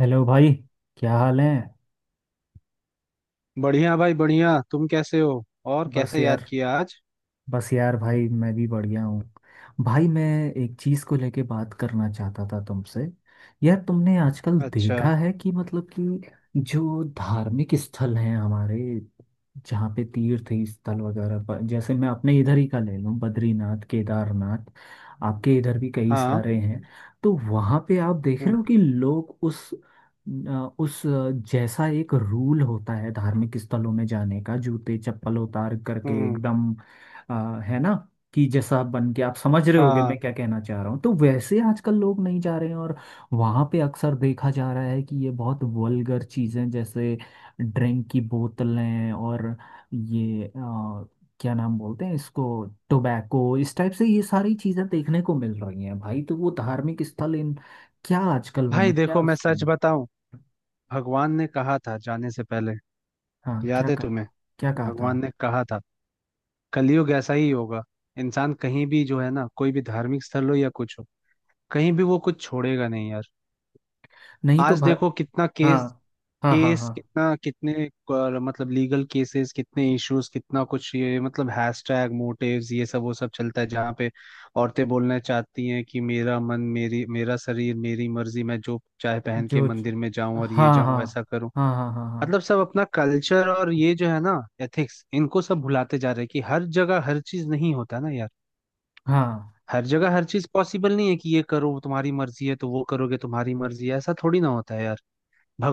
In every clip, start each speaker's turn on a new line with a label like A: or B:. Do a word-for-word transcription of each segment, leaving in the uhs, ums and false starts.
A: Hello भाई, क्या हाल है।
B: बढ़िया भाई बढ़िया। तुम कैसे हो और
A: बस
B: कैसे याद
A: यार
B: किया आज?
A: बस यार भाई मैं भी बढ़िया हूँ। भाई, मैं एक चीज़ को लेके बात करना चाहता था तुमसे। यार, तुमने आजकल
B: अच्छा।
A: देखा है कि मतलब कि जो धार्मिक स्थल हैं हमारे, जहाँ पे तीर्थ स्थल वगैरह, पर जैसे मैं अपने इधर ही का ले लूँ, बद्रीनाथ, केदारनाथ, आपके इधर भी कई
B: हाँ।
A: सारे हैं। तो वहाँ पे आप देख रहे
B: हम्म।
A: हो कि लोग उस अ, उस अ, जैसा एक रूल होता है धार्मिक स्थलों में जाने का, जूते चप्पल उतार करके
B: हम्म,
A: एकदम, आ, है ना? कि जैसा आप बन के आप समझ रहे होगे मैं
B: हाँ,
A: क्या कहना चाह रहा हूँ, तो वैसे आजकल लोग नहीं जा रहे हैं। और वहाँ पे अक्सर देखा जा रहा है कि ये बहुत वल्गर चीज़ें, जैसे ड्रिंक की बोतलें और ये आ, क्या नाम बोलते हैं इसको, टोबैको, इस टाइप से ये सारी चीज़ें देखने को मिल रही हैं भाई। तो वो धार्मिक स्थल इन क्या आजकल बना
B: भाई
A: क्या
B: देखो मैं सच
A: उसकी।
B: बताऊं। भगवान ने कहा था जाने से पहले,
A: हाँ, क्या
B: याद है
A: कहा
B: तुम्हें?
A: था? क्या कहा था?
B: भगवान ने कहा था कलयुग ऐसा ही होगा। इंसान कहीं भी जो है ना, कोई भी धार्मिक स्थल हो या कुछ हो, कहीं भी वो कुछ छोड़ेगा नहीं यार।
A: नहीं तो
B: आज
A: भाई।
B: देखो कितना
A: हाँ,
B: केस,
A: हाँ, हाँ,
B: केस
A: हाँ।
B: कितना, कितने क- मतलब लीगल केसेस कितने, इश्यूज कितना कुछ, ये मतलब हैशटैग मोटिव्स ये सब वो सब चलता है। जहाँ पे औरतें बोलना चाहती हैं कि मेरा मन मेरी, मेरा शरीर मेरी मर्जी, मैं जो चाहे पहन के
A: जो च-
B: मंदिर में जाऊं और ये
A: हाँ,
B: जाऊं
A: हाँ,
B: वैसा करूं।
A: हाँ, हाँ, हाँ, हाँ,
B: मतलब सब अपना कल्चर और ये जो है ना, एथिक्स इनको सब भुलाते जा रहे हैं। कि हर जगह हर चीज नहीं होता ना यार।
A: हाँ।
B: हर जगह हर चीज पॉसिबल नहीं है कि ये करो तुम्हारी मर्जी है तो वो करोगे तुम्हारी मर्जी है, ऐसा थोड़ी ना होता है यार।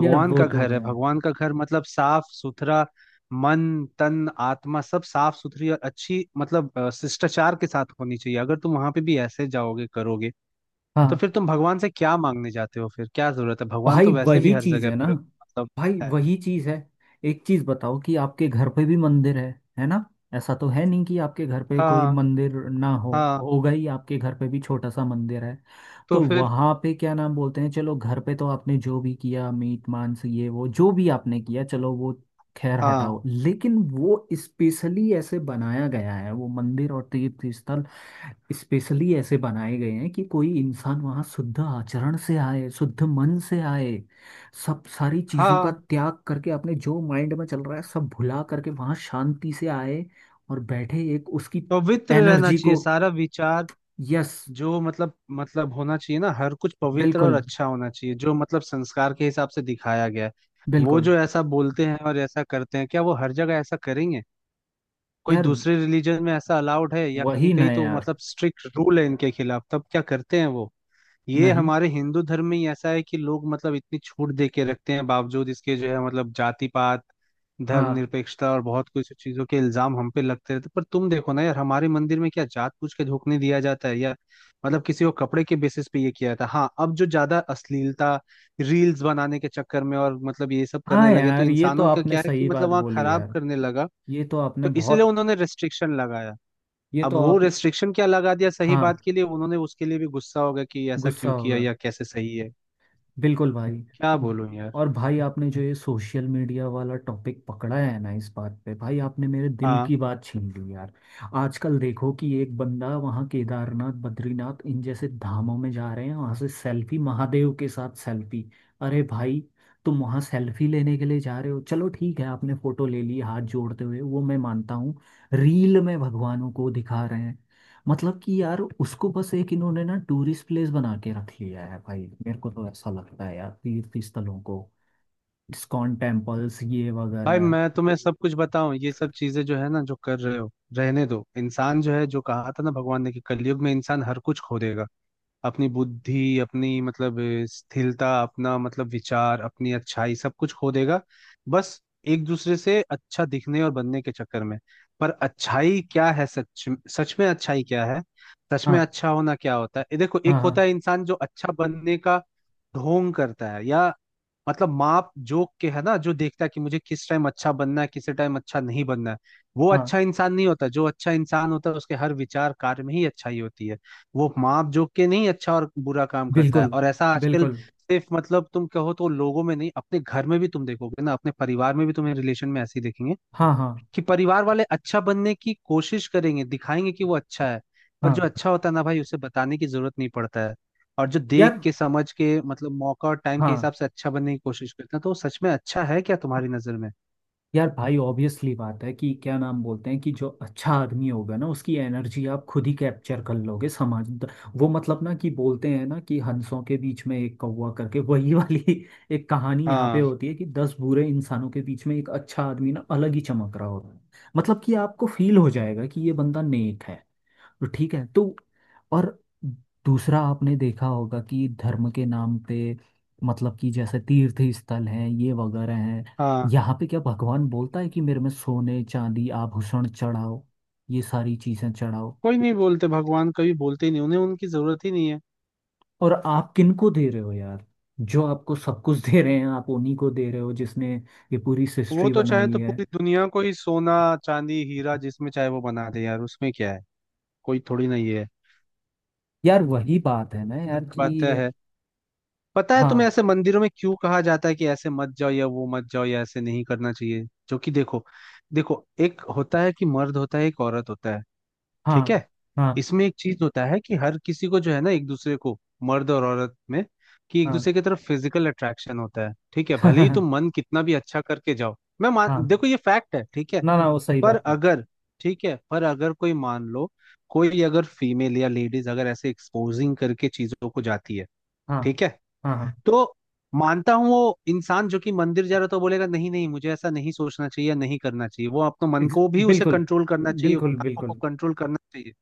A: यार, वो
B: का
A: तो
B: घर है,
A: है।
B: भगवान का घर मतलब साफ सुथरा। मन, तन, आत्मा सब साफ सुथरी और अच्छी मतलब अ, शिष्टाचार के साथ होनी चाहिए। अगर तुम वहां पे भी ऐसे जाओगे करोगे तो
A: हाँ
B: फिर तुम भगवान से क्या मांगने जाते हो? फिर क्या जरूरत है? भगवान तो
A: भाई,
B: वैसे भी
A: वही
B: हर
A: चीज
B: जगह
A: है ना,
B: पर मतलब
A: भाई
B: है।
A: वही चीज है। एक चीज बताओ कि आपके घर पे भी मंदिर है है ना? ऐसा तो है नहीं कि आपके घर पे कोई
B: हाँ।
A: मंदिर ना हो,
B: हाँ
A: होगा ही, आपके घर पे भी छोटा सा मंदिर है।
B: तो
A: तो
B: फिर।
A: वहां पे क्या नाम बोलते हैं, चलो घर पे तो आपने जो भी किया, मीट, मांस, ये वो जो भी आपने किया, चलो वो खैर
B: हाँ।
A: हटाओ, लेकिन वो स्पेशली ऐसे बनाया गया है, वो मंदिर और तीर्थ स्थल स्पेशली ऐसे बनाए गए हैं कि कोई इंसान वहां शुद्ध आचरण से आए, शुद्ध मन से आए, सब सारी चीजों का
B: हाँ,
A: त्याग करके अपने जो माइंड में चल रहा है सब भुला करके वहां शांति से आए, और बैठे एक उसकी
B: पवित्र रहना
A: एनर्जी
B: चाहिए
A: को।
B: सारा विचार।
A: यस।
B: जो मतलब मतलब होना चाहिए ना, हर कुछ पवित्र और
A: बिल्कुल,
B: अच्छा होना चाहिए, जो मतलब संस्कार के हिसाब से दिखाया गया है। वो
A: बिल्कुल।
B: जो ऐसा बोलते हैं और ऐसा करते हैं क्या वो हर जगह ऐसा करेंगे? कोई
A: यार
B: दूसरे रिलीजन में ऐसा अलाउड है? या कहीं
A: वही ना
B: कहीं तो
A: यार।
B: मतलब स्ट्रिक्ट रूल है इनके खिलाफ, तब क्या करते हैं वो? ये
A: नहीं।
B: हमारे हिंदू धर्म में ही ऐसा है कि लोग मतलब इतनी छूट दे के रखते हैं। बावजूद इसके जो है मतलब जाति पात,
A: हाँ,
B: धर्मनिरपेक्षता और बहुत कुछ चीजों के इल्जाम हम पे लगते रहते। पर तुम देखो ना यार, हमारे मंदिर में क्या जात पूछ के झोंकने दिया जाता है यार? मतलब किसी को कपड़े के बेसिस पे ये किया जाता है। हाँ, अब जो ज्यादा अश्लीलता, रील्स बनाने के चक्कर में और मतलब ये सब
A: हाँ,
B: करने लगे, तो
A: यार, ये तो
B: इंसानों का
A: आपने
B: क्या है कि
A: सही बात
B: मतलब वहाँ
A: बोली
B: खराब
A: यार,
B: करने लगा।
A: ये तो आपने
B: तो इसलिए
A: बहुत,
B: उन्होंने रेस्ट्रिक्शन लगाया।
A: ये
B: अब
A: तो
B: वो
A: आप।
B: रेस्ट्रिक्शन क्या लगा दिया सही
A: हाँ,
B: बात के लिए, उन्होंने उसके लिए भी गुस्सा होगा कि ऐसा
A: गुस्सा
B: क्यों
A: हो
B: किया
A: गया।
B: या कैसे सही है।
A: बिल्कुल भाई।
B: क्या
A: और
B: बोलूं यार।
A: और भाई आपने जो ये सोशल मीडिया वाला टॉपिक पकड़ा है ना इस बात पे, भाई आपने मेरे दिल
B: हाँ,
A: की बात छीन ली यार। आजकल देखो कि एक बंदा वहाँ केदारनाथ, बद्रीनाथ, इन जैसे धामों में जा रहे हैं, वहाँ से सेल्फी, महादेव के साथ सेल्फी। अरे भाई, तुम वहाँ सेल्फी लेने के लिए जा रहे हो, चलो ठीक है, आपने फोटो ले ली हाथ जोड़ते हुए, वो मैं मानता हूँ। रील में भगवानों को दिखा रहे हैं। मतलब कि यार, उसको बस एक इन्होंने ना टूरिस्ट प्लेस बना के रख लिया है भाई, मेरे को तो ऐसा लगता है यार तीर्थ स्थलों को, इस्कॉन टेम्पल्स ये
B: भाई
A: वगैरह है।
B: मैं तुम्हें सब कुछ बताऊं, ये सब चीजें जो है ना जो कर रहे हो, रहने दो। इंसान जो है, जो कहा था ना भगवान ने कि कलयुग में इंसान हर कुछ खो देगा। अपनी बुद्धि, अपनी मतलब अ, स्थिरता, अपना मतलब विचार, अपनी अच्छाई, सब कुछ खो देगा। बस एक दूसरे से अच्छा दिखने और बनने के चक्कर में। पर अच्छाई क्या है सच? सच में अच्छाई क्या है? सच में
A: हाँ,
B: अच्छा होना क्या होता है? ये देखो, एक
A: हाँ, हाँ,
B: होता है इंसान जो अच्छा बनने का ढोंग करता है, या मतलब माप जोक के है ना, जो देखता है कि मुझे किस टाइम अच्छा बनना है, किस टाइम अच्छा नहीं बनना है। वो
A: हाँ।
B: अच्छा इंसान नहीं होता। जो अच्छा इंसान होता है उसके हर विचार कार्य में ही अच्छाई होती है। वो माप जोक के नहीं अच्छा और बुरा काम करता है।
A: बिल्कुल,
B: और ऐसा आजकल
A: बिल्कुल।
B: सिर्फ मतलब तुम कहो तो लोगों में नहीं, अपने घर में भी तुम देखोगे ना, अपने परिवार में भी, तुम्हें रिलेशन में ऐसे ही देखेंगे
A: हाँ, हाँ,
B: कि परिवार वाले अच्छा बनने की कोशिश करेंगे, दिखाएंगे कि वो अच्छा है। पर जो
A: हाँ
B: अच्छा होता है ना भाई, उसे बताने की जरूरत नहीं पड़ता है। और जो
A: यार।
B: देख के समझ के मतलब मौका और टाइम के
A: हाँ
B: हिसाब से अच्छा बनने की कोशिश करते हैं, तो वो सच में अच्छा है क्या तुम्हारी नजर में?
A: यार, भाई ऑब्वियसली बात है कि क्या नाम बोलते हैं कि जो अच्छा आदमी होगा ना उसकी एनर्जी आप खुद ही कैप्चर कर लोगे समाज द- वो मतलब ना कि बोलते हैं ना कि हंसों के बीच में एक कौवा करके, वही वाली एक कहानी यहाँ पे
B: हाँ।
A: होती है कि दस बुरे इंसानों के बीच में एक अच्छा आदमी ना अलग ही चमक रहा होता है। मतलब कि आपको फील हो जाएगा कि ये बंदा नेक है, तो ठीक है, तो, और दूसरा आपने देखा होगा कि धर्म के नाम पे, मतलब कि जैसे तीर्थ स्थल हैं ये वगैरह हैं,
B: हाँ,
A: यहाँ पे क्या भगवान बोलता है कि मेरे में सोने, चांदी, आभूषण चढ़ाओ, ये सारी चीजें चढ़ाओ,
B: कोई नहीं बोलते भगवान, कभी बोलते ही नहीं, उन्हें उनकी जरूरत ही नहीं है।
A: और आप किनको दे रहे हो यार, जो आपको सब कुछ दे रहे हैं आप उन्हीं को दे रहे हो, जिसने ये पूरी
B: वो
A: सृष्टि
B: तो चाहे
A: बनाई
B: तो
A: है।
B: पूरी दुनिया को ही सोना, चांदी, हीरा जिसमें चाहे वो बना दे यार, उसमें क्या है। कोई थोड़ी ना ये है।
A: यार वही बात है ना
B: सच
A: यार
B: बात
A: कि।
B: है। पता है
A: हाँ,
B: तुम्हें ऐसे मंदिरों में क्यों कहा जाता है कि ऐसे मत जाओ या वो मत जाओ या ऐसे नहीं करना चाहिए? जो कि देखो, देखो, एक होता है कि मर्द होता है एक औरत होता है, ठीक
A: हाँ,
B: है?
A: हाँ,
B: इसमें एक चीज होता है कि हर किसी को जो है ना, एक दूसरे को, मर्द और औरत में, कि एक
A: हाँ।
B: दूसरे की तरफ फिजिकल अट्रैक्शन होता है, ठीक है? भले ही तुम मन कितना भी अच्छा करके जाओ, मैं मान,
A: हाँ,
B: देखो ये फैक्ट है, ठीक है?
A: ना ना, वो सही
B: पर
A: बात है।
B: अगर, ठीक है, पर अगर कोई मान लो, कोई अगर फीमेल या लेडीज अगर ऐसे एक्सपोजिंग करके चीजों को जाती है,
A: हाँ,
B: ठीक है,
A: हाँ, हाँ।
B: तो मानता हूँ वो इंसान जो कि मंदिर जा रहा था वो बोलेगा नहीं नहीं, मुझे ऐसा नहीं सोचना चाहिए, नहीं करना चाहिए, वो अपने मन
A: ex-
B: को भी, उसे
A: बिल्कुल,
B: कंट्रोल करना चाहिए,
A: बिल्कुल,
B: आंखों को
A: बिल्कुल,
B: कंट्रोल करना चाहिए।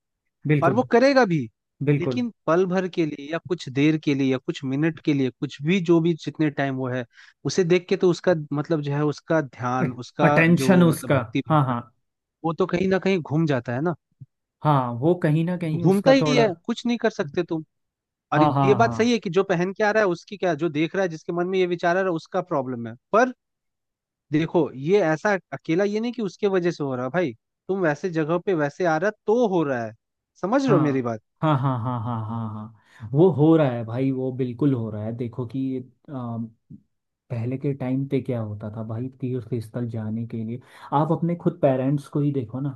B: और
A: बिल्कुल।
B: वो करेगा भी।
A: बिल्कुल।
B: लेकिन पल भर के लिए या कुछ देर के लिए या कुछ मिनट के लिए, कुछ भी जो भी जितने टाइम वो है उसे देख के, तो उसका मतलब जो है उसका ध्यान, उसका
A: अटेंशन
B: जो मतलब
A: उसका।
B: भक्ति
A: हाँ,
B: भाव है,
A: हाँ।
B: वो तो कहीं ना कहीं घूम जाता है ना।
A: हाँ, वो कहीं ना कहीं
B: घूमता
A: उसका
B: ही
A: थोड़ा।
B: है, कुछ नहीं कर सकते तुम। और
A: हाँ, हाँ,
B: ये बात सही
A: हाँ,
B: है कि जो पहन के आ रहा है उसकी क्या, जो देख रहा है जिसके मन में ये विचार आ रहा है उसका प्रॉब्लम है। पर देखो, ये ऐसा अकेला ये नहीं कि उसके वजह से हो रहा भाई, तुम वैसे जगह पे वैसे आ रहा तो हो रहा है। समझ रहे हो मेरी
A: हाँ,
B: बात?
A: हाँ, हाँ, हाँ, हाँ, हाँ, हाँ वो हो रहा है भाई, वो बिल्कुल हो रहा है। देखो कि आ, पहले के टाइम पे क्या होता था भाई, तीर्थ स्थल जाने के लिए आप अपने खुद पेरेंट्स को ही देखो ना।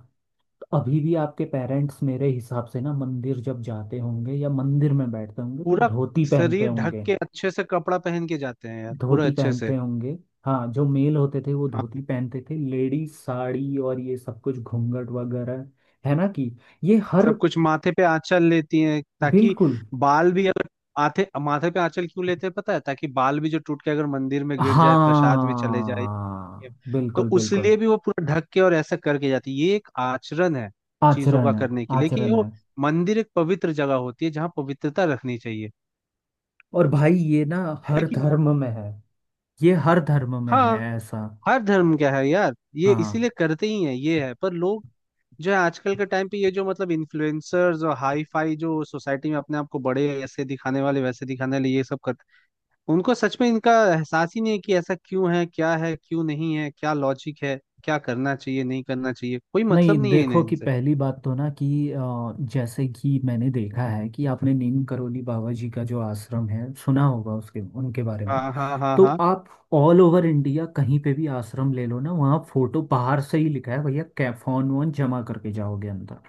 A: तो अभी भी आपके पेरेंट्स मेरे हिसाब से ना मंदिर जब जाते होंगे या मंदिर में बैठते होंगे तो
B: पूरा
A: धोती पहनते
B: शरीर ढक
A: होंगे।
B: के अच्छे से कपड़ा पहन के जाते हैं यार, पूरा
A: धोती
B: अच्छे से।
A: पहनते होंगे। हाँ, जो मेल होते थे वो धोती पहनते थे, लेडीज साड़ी और ये सब कुछ घूंघट वगैरह, है ना कि ये हर,
B: सब कुछ माथे पे आंचल लेती हैं ताकि
A: बिल्कुल।
B: बाल भी अगर, माथे माथे पे आंचल क्यों लेते हैं पता है? ताकि बाल भी जो टूट के अगर मंदिर में गिर जाए, प्रसाद में चले जाए।
A: हाँ,
B: तो
A: बिल्कुल, बिल्कुल।
B: उसलिए भी वो पूरा ढक के और ऐसा करके जाती है। ये एक आचरण है चीजों का
A: आचरण है।
B: करने की। लेकिन
A: आचरण
B: वो
A: है।
B: मंदिर एक पवित्र जगह होती है जहाँ पवित्रता रखनी चाहिए,
A: और भाई ये ना
B: है
A: हर
B: कि नहीं?
A: धर्म में है। ये हर धर्म में
B: हाँ।
A: है ऐसा।
B: हर धर्म क्या है यार, ये
A: हाँ।
B: इसीलिए करते ही है, ये है। पर लोग जो है आजकल के टाइम पे, ये जो मतलब इन्फ्लुएंसर्स और हाई फाई जो सोसाइटी में अपने आप को बड़े ऐसे दिखाने वाले, वैसे दिखाने वाले, ये सब करते हैं, उनको सच में इनका एहसास ही नहीं है कि ऐसा क्यों है, क्या है, क्यों नहीं है, क्या लॉजिक है, क्या करना चाहिए नहीं करना चाहिए। कोई
A: नहीं,
B: मतलब नहीं है इन्हें
A: देखो कि
B: इनसे।
A: पहली बात तो ना कि अ, जैसे कि मैंने देखा है कि आपने नीम करोली बाबा जी का जो आश्रम है सुना होगा, उसके, उनके बारे में।
B: हाँ, हाँ, हाँ,
A: तो
B: हाँ,
A: आप ऑल ओवर इंडिया कहीं पे भी आश्रम ले लो ना, वहाँ फोटो, बाहर से ही लिखा है भैया कै फोन वोन जमा करके जाओगे अंदर,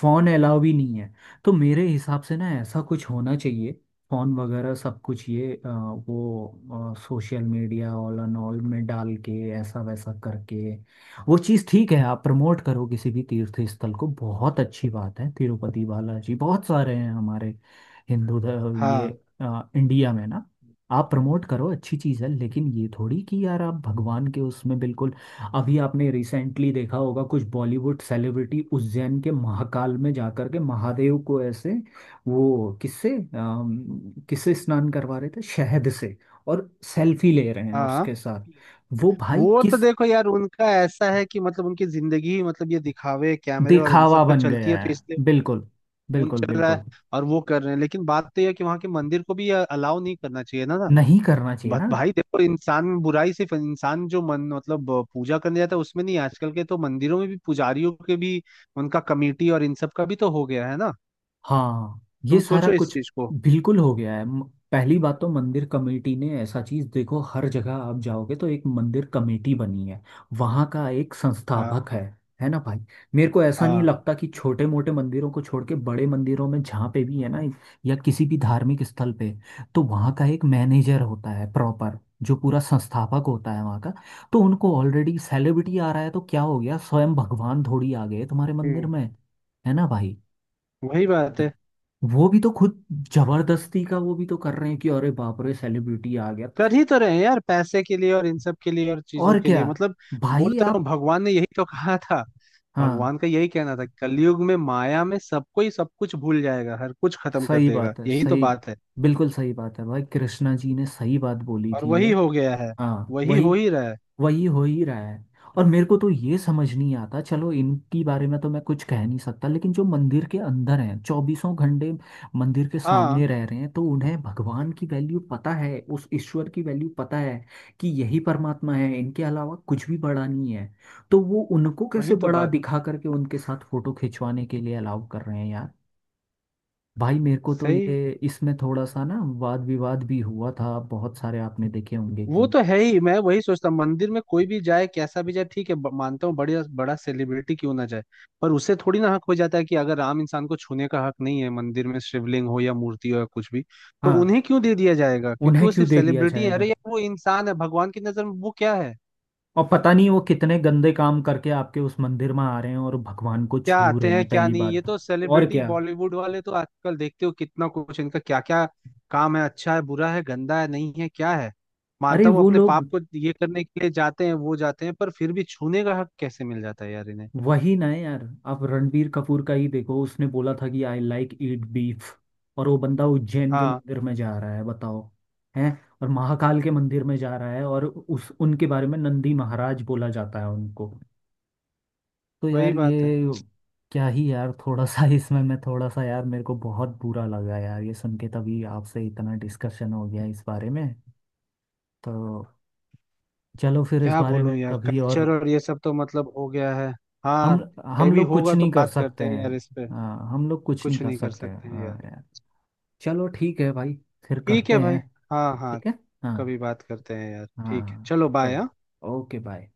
A: फोन अलाउ भी नहीं है। तो मेरे हिसाब से ना ऐसा कुछ होना चाहिए, फोन वगैरह सब कुछ ये अ, वो social media all and all में डाल के ऐसा वैसा करके, वो चीज़ ठीक है, आप प्रमोट करो किसी भी तीर्थ स्थल को, बहुत अच्छी बात है, तिरुपति बालाजी, बहुत सारे हैं हमारे हिंदू ध- ये
B: हाँ,
A: अ, इंडिया में ना, आप प्रमोट करो, अच्छी चीज़ है, लेकिन ये थोड़ी कि यार आप भगवान के उसमें, बिल्कुल अभी आपने रिसेंटली देखा होगा, कुछ बॉलीवुड सेलिब्रिटी उज्जैन के महाकाल में जाकर के महादेव को ऐसे, वो किससे अम, किससे स्नान करवा रहे थे, शहद से, और सेल्फी ले रहे हैं
B: हाँ,
A: उसके साथ, वो भाई
B: वो तो
A: किस,
B: देखो यार, उनका ऐसा है कि मतलब उनकी जिंदगी ही मतलब ये दिखावे, कैमरे और इन
A: दिखावा
B: सब पे
A: बन
B: चलती है,
A: गया है।
B: तो इसलिए
A: बिल्कुल,
B: उन
A: बिल्कुल,
B: चल रहा है
A: बिल्कुल।
B: और वो कर रहे हैं। लेकिन बात तो यह है कि वहाँ के मंदिर को भी अलाउ नहीं करना चाहिए ना।
A: नहीं करना चाहिए ना।
B: बट भाई देखो, इंसान में बुराई सिर्फ इंसान जो मन मतलब पूजा करने जाता है उसमें नहीं, आजकल के तो मंदिरों में भी पुजारियों के भी, उनका कमेटी और इन सब का भी तो हो गया है ना।
A: हाँ, ये
B: तुम
A: सारा
B: सोचो इस
A: कुछ
B: चीज को।
A: बिल्कुल हो गया है। म- पहली बात तो मंदिर कमेटी ने ऐसा चीज देखो, हर जगह आप जाओगे तो एक मंदिर कमेटी बनी है, वहाँ का एक
B: हाँ,
A: संस्थापक है है ना भाई। मेरे को ऐसा नहीं
B: हाँ।
A: लगता कि छोटे मोटे मंदिरों को छोड़ के बड़े मंदिरों में जहाँ पे भी है ना, या किसी भी धार्मिक स्थल पे, तो वहाँ का एक मैनेजर होता है, प्रॉपर जो पूरा संस्थापक होता है वहाँ का, तो उनको ऑलरेडी सेलिब्रिटी आ रहा है तो क्या हो गया, स्वयं भगवान थोड़ी आ गए तुम्हारे मंदिर
B: हम्म।
A: में, है ना भाई।
B: वही बात है।
A: वो भी तो खुद, जबरदस्ती का वो भी तो कर रहे हैं कि अरे बाप रे सेलिब्रिटी आ गया तो।
B: कर ही तो रहे हैं यार, पैसे के लिए और इन सब के लिए और चीजों
A: और
B: के
A: क्या,
B: लिए मतलब। बोल
A: भाई
B: तो रहा हूँ
A: आप।
B: भगवान ने यही तो कहा था।
A: हाँ,
B: भगवान का यही कहना था कलयुग में माया में सबको ही सब कुछ भूल जाएगा, हर कुछ खत्म कर
A: सही
B: देगा,
A: बात है,
B: यही तो
A: सही,
B: बात है।
A: बिल्कुल सही बात है भाई, कृष्णा जी ने सही बात बोली
B: और
A: थी ये।
B: वही हो गया है।
A: हाँ,
B: वही हो
A: वही।
B: ही रहा है।
A: वही हो ही रहा है। और मेरे को तो ये समझ नहीं आता, चलो इनकी बारे में तो मैं कुछ कह नहीं सकता, लेकिन जो मंदिर के अंदर हैं चौबीसों घंटे मंदिर के
B: हाँ
A: सामने रह रहे हैं, तो उन्हें भगवान की वैल्यू पता है, उस ईश्वर की वैल्यू पता है कि यही परमात्मा है, इनके अलावा कुछ भी बड़ा नहीं है, तो वो उनको
B: वही।
A: कैसे
B: तो
A: बड़ा
B: बात
A: दिखा करके उनके साथ फोटो खिंचवाने के लिए अलाउ कर रहे हैं यार। भाई मेरे को तो
B: सही।
A: ये इसमें थोड़ा सा ना वाद विवाद भी हुआ था, बहुत सारे आपने देखे होंगे
B: वो
A: कि,
B: तो है ही। मैं वही सोचता हूँ, मंदिर में कोई भी जाए कैसा भी जाए ठीक है, ब- मानता हूँ बड़े, बड़ा सेलिब्रिटी क्यों ना जाए, पर उसे थोड़ी ना हक हो जाता है कि अगर आम इंसान को छूने का हक नहीं है मंदिर में, शिवलिंग हो या मूर्ति हो या कुछ भी, तो
A: हाँ।
B: उन्हें क्यों दे दिया जाएगा क्योंकि
A: उन्हें
B: वो
A: क्यों
B: सिर्फ
A: दे दिया
B: सेलिब्रिटी है? अरे
A: जाएगा,
B: यार, वो इंसान है, भगवान की नजर में वो क्या है।
A: और पता नहीं वो कितने गंदे काम करके आपके उस मंदिर में आ रहे हैं और भगवान को
B: क्या
A: छू
B: आते
A: रहे
B: हैं
A: हैं,
B: क्या
A: पहली
B: नहीं, ये
A: बात।
B: तो
A: और
B: सेलिब्रिटी
A: क्या,
B: बॉलीवुड वाले तो आजकल देखते हो कितना कुछ इनका, क्या क्या काम है, अच्छा है, बुरा है, गंदा है, नहीं है, क्या है।
A: अरे
B: मानता हूँ
A: वो
B: अपने पाप
A: लोग,
B: को ये करने के लिए जाते हैं वो जाते हैं, पर फिर भी छूने का हक कैसे मिल जाता है यार इन्हें?
A: वही ना है यार, आप रणबीर कपूर का ही देखो, उसने बोला था कि आई लाइक ईट बीफ, और वो बंदा उज्जैन के
B: हाँ
A: मंदिर में जा रहा है, बताओ। हैं। और महाकाल के मंदिर में जा रहा है, और उस उनके बारे में नंदी महाराज बोला जाता है उनको। तो
B: वही
A: यार ये,
B: बात है।
A: क्या ही यार, थोड़ा सा इसमें मैं थोड़ा सा यार मेरे को बहुत बुरा लगा यार ये सुन के, तभी आपसे इतना डिस्कशन हो गया इस बारे में। तो चलो फिर इस
B: क्या
A: बारे
B: बोलूं
A: में
B: यार,
A: कभी और।
B: कल्चर और ये सब तो मतलब हो गया है। हाँ।
A: हम
B: कहीं
A: हम
B: भी
A: लोग कुछ
B: होगा तो
A: नहीं कर
B: बात
A: सकते
B: करते हैं
A: हैं।
B: यार इस पे।
A: हाँ, हम लोग कुछ नहीं
B: कुछ
A: कर
B: नहीं कर
A: सकते हैं,
B: सकते हैं यार।
A: हाँ यार। चलो ठीक है भाई। फिर
B: ठीक
A: करते
B: है भाई।
A: हैं।
B: हाँ, हाँ।
A: ठीक है। हाँ,
B: कभी बात करते हैं यार,
A: हाँ,
B: ठीक है,
A: हाँ,
B: चलो बाय।
A: चलो ओके, बाय।